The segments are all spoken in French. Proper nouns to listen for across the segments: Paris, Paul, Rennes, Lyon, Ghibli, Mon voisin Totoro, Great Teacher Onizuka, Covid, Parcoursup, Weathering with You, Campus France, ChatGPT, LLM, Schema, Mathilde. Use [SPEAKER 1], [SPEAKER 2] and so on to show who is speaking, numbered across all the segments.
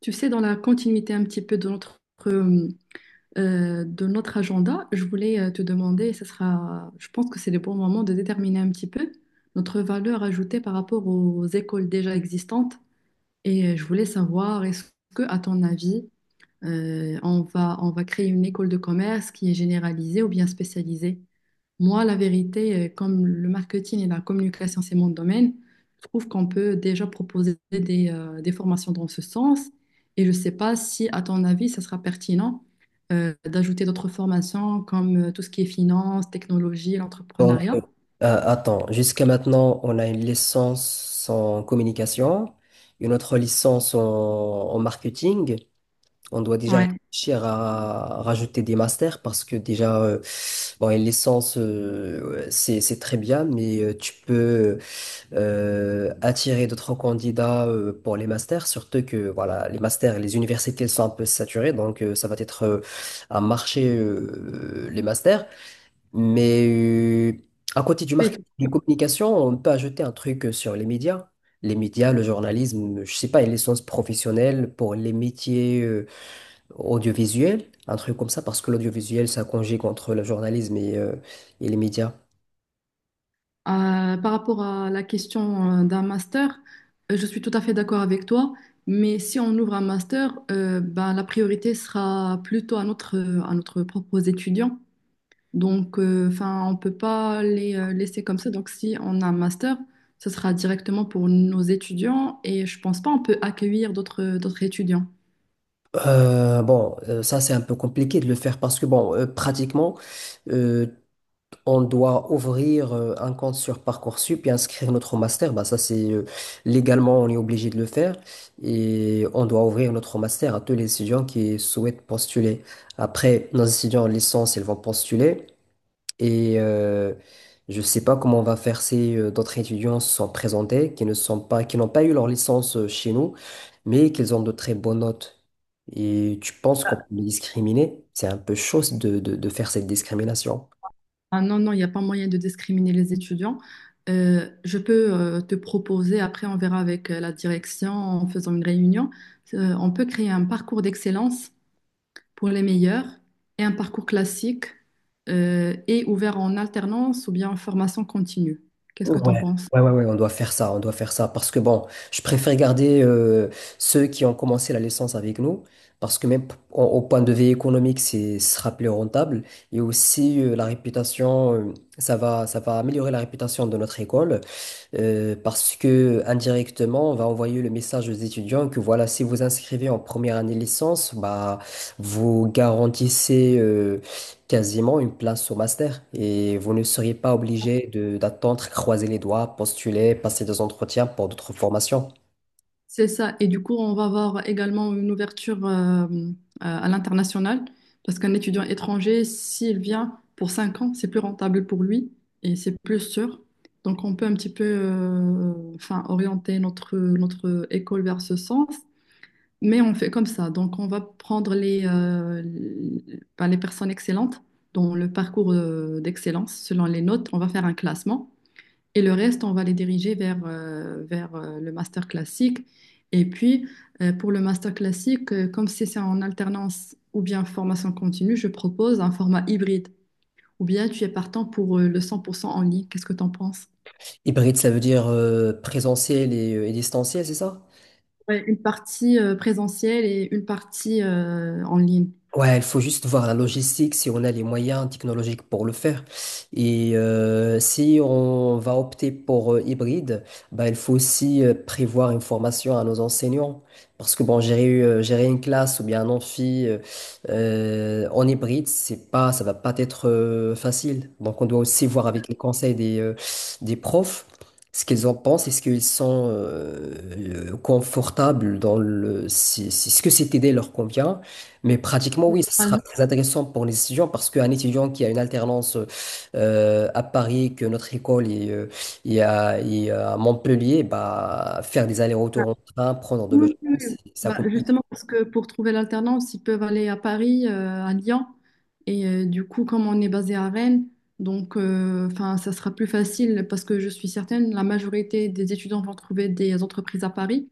[SPEAKER 1] Tu sais, dans la continuité un petit peu euh, de notre agenda, je voulais te demander, ça sera, je pense que c'est le bon moment de déterminer un petit peu notre valeur ajoutée par rapport aux écoles déjà existantes. Et je voulais savoir, est-ce que, à ton avis, on va créer une école de commerce qui est généralisée ou bien spécialisée? Moi, la vérité, comme le marketing et la communication, c'est mon domaine, je trouve qu'on peut déjà proposer des formations dans ce sens. Et je ne sais pas si, à ton avis, ça sera pertinent d'ajouter d'autres formations comme tout ce qui est finance, technologie,
[SPEAKER 2] Donc,
[SPEAKER 1] l'entrepreneuriat.
[SPEAKER 2] attends, jusqu'à maintenant, on a une licence en communication, une autre licence en marketing. On doit déjà
[SPEAKER 1] Ouais.
[SPEAKER 2] réfléchir à rajouter des masters parce que déjà, bon, une licence, c'est très bien, mais tu peux attirer d'autres candidats pour les masters, surtout que voilà, les masters, les universités elles sont un peu saturées, donc ça va être un marché, les masters. Mais à côté du
[SPEAKER 1] Et
[SPEAKER 2] marketing
[SPEAKER 1] tout.
[SPEAKER 2] des communications, on peut ajouter un truc sur les médias. Les médias, le journalisme, je sais pas, une licence professionnelle pour les métiers audiovisuels, un truc comme ça, parce que l'audiovisuel, ça conjugue entre le journalisme et les médias.
[SPEAKER 1] Par rapport à la question d'un master, je suis tout à fait d'accord avec toi, mais si on ouvre un master, ben, la priorité sera plutôt à notre propre étudiant. Donc, enfin, on peut pas les laisser comme ça. Donc, si on a un master, ce sera directement pour nos étudiants et je pense pas on peut accueillir d'autres étudiants.
[SPEAKER 2] Bon, ça c'est un peu compliqué de le faire parce que bon, pratiquement, euh, on doit ouvrir un compte sur Parcoursup et inscrire notre master. Bah, ça, c'est légalement, on est obligé de le faire. Et on doit ouvrir notre master à tous les étudiants qui souhaitent postuler. Après, nos étudiants en licence, ils vont postuler. Et je sais pas comment on va faire si d'autres étudiants se sont présentés, qui n'ont pas eu leur licence chez nous, mais qu'ils ont de très bonnes notes. Et tu penses qu'on peut les discriminer? C'est un peu chaud de faire cette discrimination.
[SPEAKER 1] Ah non, non, il n'y a pas moyen de discriminer les étudiants. Je peux te proposer, après on verra avec la direction en faisant une réunion, on peut créer un parcours d'excellence pour les meilleurs et un parcours classique et ouvert en alternance ou bien en formation continue. Qu'est-ce
[SPEAKER 2] Ouais,
[SPEAKER 1] que tu en penses?
[SPEAKER 2] ouais, ouais, ouais, on doit faire ça, on doit faire ça. Parce que bon, je préfère garder ceux qui ont commencé la licence avec nous, parce que même au point de vue économique, c'est ce sera plus rentable. Et aussi la réputation, ça va améliorer la réputation de notre école, parce que indirectement, on va envoyer le message aux étudiants que voilà, si vous inscrivez en première année de licence, bah, vous garantissez quasiment une place au master et vous ne seriez pas obligé de d'attendre, croiser les doigts, postuler, passer des entretiens pour d'autres formations.
[SPEAKER 1] C'est ça. Et du coup, on va avoir également une ouverture à l'international parce qu'un étudiant étranger, s'il vient pour 5 ans, c'est plus rentable pour lui et c'est plus sûr. Donc, on peut un petit peu enfin, orienter notre, notre école vers ce sens, mais on fait comme ça. Donc, on va prendre les ben, les personnes excellentes dans le parcours d'excellence selon les notes. On va faire un classement. Et le reste, on va les diriger vers, le master classique. Et puis, pour le master classique, comme c'est en alternance ou bien formation continue, je propose un format hybride. Ou bien tu es partant pour le 100% en ligne. Qu'est-ce que tu en penses?
[SPEAKER 2] Hybride, ça veut dire présentiel et distanciel, c'est ça?
[SPEAKER 1] Ouais, une partie présentielle et une partie en ligne.
[SPEAKER 2] Ouais, il faut juste voir la logistique, si on a les moyens technologiques pour le faire. Et si on va opter pour hybride, bah, il faut aussi prévoir une formation à nos enseignants. Parce que bon, gérer une classe ou bien un amphi en hybride, c'est pas, ça va pas être facile. Donc on doit aussi voir avec les conseils des profs ce qu'ils en pensent, est-ce qu'ils sont confortables Si ce que cette idée leur convient. Mais pratiquement, oui, ce sera
[SPEAKER 1] Normalement,
[SPEAKER 2] très intéressant pour les étudiants parce qu'un étudiant qui a une alternance à Paris, que notre école est à Montpellier, bah, faire des allers-retours en train, prendre de
[SPEAKER 1] oui, oui.
[SPEAKER 2] l'urgence,
[SPEAKER 1] Oui.
[SPEAKER 2] ça
[SPEAKER 1] Bah,
[SPEAKER 2] coûte.
[SPEAKER 1] justement, parce que pour trouver l'alternance, ils peuvent aller à Paris, à Lyon. Et du coup, comme on est basé à Rennes, donc enfin, ça sera plus facile parce que je suis certaine, la majorité des étudiants vont trouver des entreprises à Paris.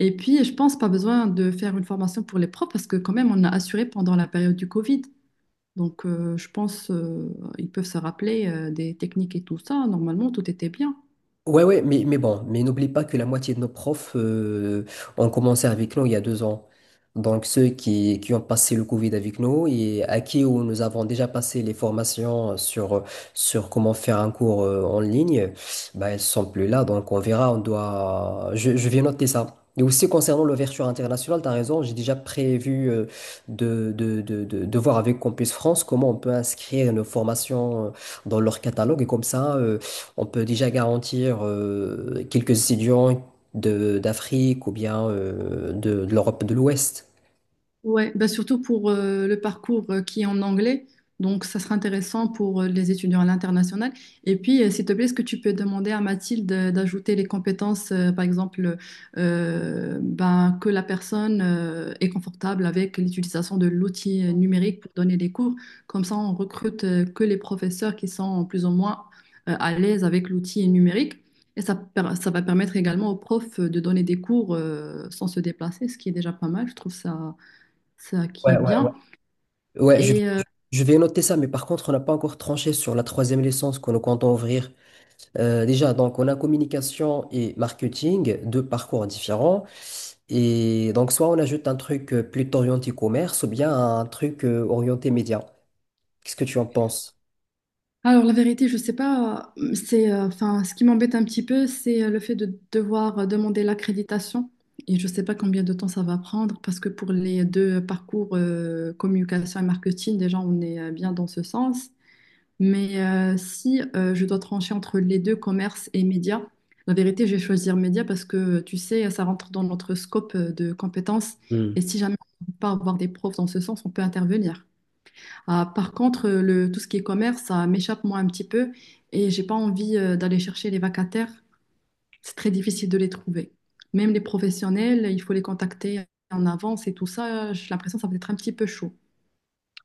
[SPEAKER 1] Et puis, je pense pas besoin de faire une formation pour les profs parce que quand même, on a assuré pendant la période du Covid. Donc, je pense ils peuvent se rappeler des techniques et tout ça. Normalement, tout était bien.
[SPEAKER 2] Ouais, ouais, mais bon, mais n'oublie pas que la moitié de nos profs ont commencé avec nous il y a 2 ans. Donc ceux qui ont passé le Covid avec nous et à qui où nous avons déjà passé les formations sur comment faire un cours en ligne, bah, ils sont plus là, donc on verra, on doit... Je vais noter ça. Et aussi concernant l'ouverture internationale, tu as raison, j'ai déjà prévu de voir avec Campus France comment on peut inscrire nos formations dans leur catalogue et comme ça. On peut déjà garantir quelques étudiants de d'Afrique ou bien de l'Europe de l'Ouest.
[SPEAKER 1] Ouais, bah surtout pour le parcours qui est en anglais. Donc, ça sera intéressant pour les étudiants à l'international. Et puis, s'il te plaît, est-ce que tu peux demander à Mathilde d'ajouter les compétences, par exemple, ben, que la personne est confortable avec l'utilisation de l'outil numérique pour donner des cours. Comme ça, on recrute que les professeurs qui sont plus ou moins à l'aise avec l'outil numérique. Et ça, ça va permettre également aux profs de donner des cours sans se déplacer, ce qui est déjà pas mal. Je trouve ça
[SPEAKER 2] Ouais,
[SPEAKER 1] qui est
[SPEAKER 2] ouais, ouais.
[SPEAKER 1] bien.
[SPEAKER 2] Ouais,
[SPEAKER 1] Et euh,
[SPEAKER 2] je vais noter ça, mais par contre, on n'a pas encore tranché sur la troisième licence que nous comptons ouvrir. Déjà, donc, on a communication et marketing, deux parcours différents. Et donc, soit on ajoute un truc plutôt orienté commerce ou bien un truc orienté média. Qu'est-ce que tu en penses?
[SPEAKER 1] alors la vérité, je sais pas, c'est enfin ce qui m'embête un petit peu, c'est le fait de devoir demander l'accréditation. Et je sais pas combien de temps ça va prendre parce que pour les deux parcours communication et marketing, déjà on est bien dans ce sens. Mais si je dois trancher entre les deux, commerce et médias, la vérité, je vais choisir médias parce que tu sais, ça rentre dans notre scope de compétences. Et si jamais on ne peut pas avoir des profs dans ce sens, on peut intervenir. Ah, par contre, tout ce qui est commerce, ça m'échappe moi un petit peu et j'ai pas envie d'aller chercher les vacataires. C'est très difficile de les trouver. Même les professionnels, il faut les contacter en avance et tout ça. J'ai l'impression que ça peut être un petit peu chaud.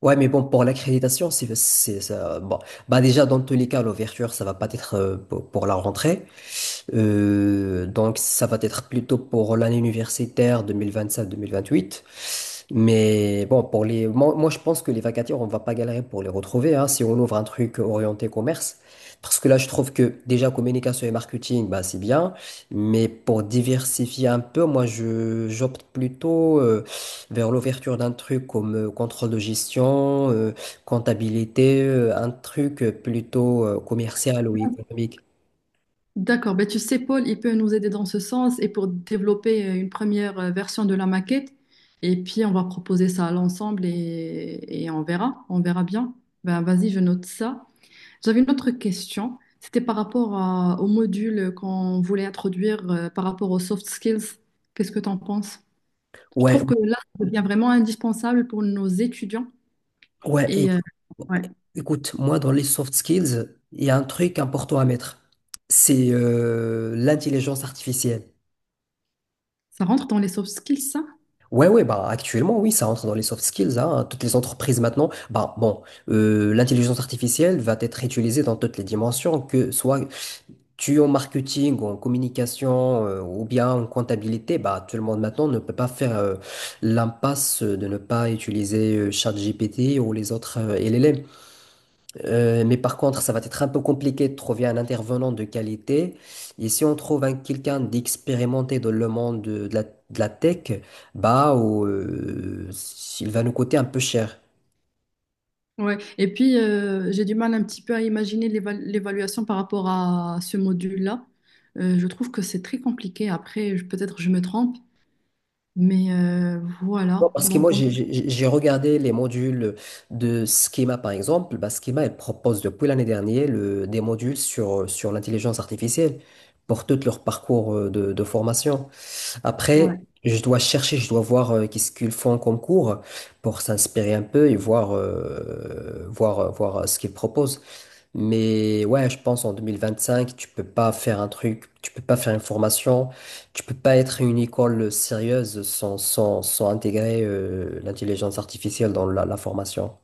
[SPEAKER 2] Ouais, mais bon, pour l'accréditation, c'est ça. Bon, bah déjà, dans tous les cas, l'ouverture, ça va pas être pour la rentrée. Donc, ça va être plutôt pour l'année universitaire 2027-2028. Mais bon, pour les, moi, je pense que les vacataires, on va pas galérer pour les retrouver, hein, si on ouvre un truc orienté commerce. Parce que là, je trouve que déjà communication et marketing, bah, c'est bien. Mais pour diversifier un peu, moi, j'opte plutôt vers l'ouverture d'un truc comme contrôle de gestion, comptabilité, un truc plutôt commercial ou économique.
[SPEAKER 1] D'accord, ben tu sais, Paul, il peut nous aider dans ce sens et pour développer une première version de la maquette. Et puis, on va proposer ça à l'ensemble et on verra bien. Ben, vas-y, je note ça. J'avais une autre question. C'était au module qu'on voulait introduire par rapport aux soft skills. Qu'est-ce que tu en penses? Je
[SPEAKER 2] Ouais,
[SPEAKER 1] trouve que là, ça devient vraiment indispensable pour nos étudiants.
[SPEAKER 2] ouais, et
[SPEAKER 1] Et euh, ouais,
[SPEAKER 2] écoute, moi, dans les soft skills, il y a un truc important à mettre. C'est l'intelligence artificielle.
[SPEAKER 1] ça rentre dans les soft skills, ça?
[SPEAKER 2] Ouais, ouais, bah actuellement, oui, ça rentre dans les soft skills, hein. Toutes les entreprises maintenant, bah bon, l'intelligence artificielle va être utilisée dans toutes les dimensions, que soit tu es en marketing, en communication, ou bien en comptabilité, bah tout le monde maintenant ne peut pas faire l'impasse de ne pas utiliser ChatGPT ou les autres LLM. Mais par contre, ça va être un peu compliqué de trouver un intervenant de qualité. Et si on trouve quelqu'un d'expérimenté dans le monde de la tech, bah, il va nous coûter un peu cher.
[SPEAKER 1] Ouais. Et puis, j'ai du mal un petit peu à imaginer l'évaluation par rapport à ce module-là. Je trouve que c'est très compliqué. Après, peut-être je me trompe, mais
[SPEAKER 2] Non,
[SPEAKER 1] voilà.
[SPEAKER 2] parce que
[SPEAKER 1] Donc,
[SPEAKER 2] moi,
[SPEAKER 1] on...
[SPEAKER 2] j'ai regardé les modules de Schema, par exemple. Bah, Schema, elle propose depuis l'année dernière des modules sur l'intelligence artificielle pour tout leur parcours de formation. Après,
[SPEAKER 1] ouais.
[SPEAKER 2] je dois chercher, je dois voir qu'est-ce qu'ils font comme cours pour s'inspirer un peu et voir ce qu'ils proposent. Mais ouais, je pense en 2025, tu peux pas faire un truc, tu peux pas faire une formation, tu peux pas être une école sérieuse sans intégrer l'intelligence artificielle dans la, la formation.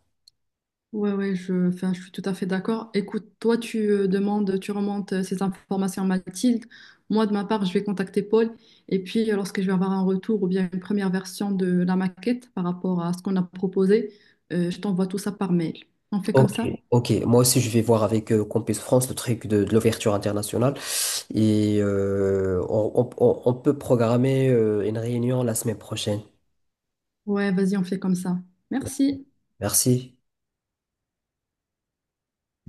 [SPEAKER 1] Ouais, enfin, je suis tout à fait d'accord. Écoute, toi, tu demandes, tu remontes ces informations à Mathilde. Moi, de ma part, je vais contacter Paul. Et puis, lorsque je vais avoir un retour ou bien une première version de la maquette par rapport à ce qu'on a proposé, je t'envoie tout ça par mail. On fait comme
[SPEAKER 2] Ok,
[SPEAKER 1] ça?
[SPEAKER 2] ok. Moi aussi, je vais voir avec Campus France le truc de l'ouverture internationale. Et on peut programmer une réunion la semaine prochaine.
[SPEAKER 1] Ouais, vas-y, on fait comme ça. Merci.
[SPEAKER 2] Merci.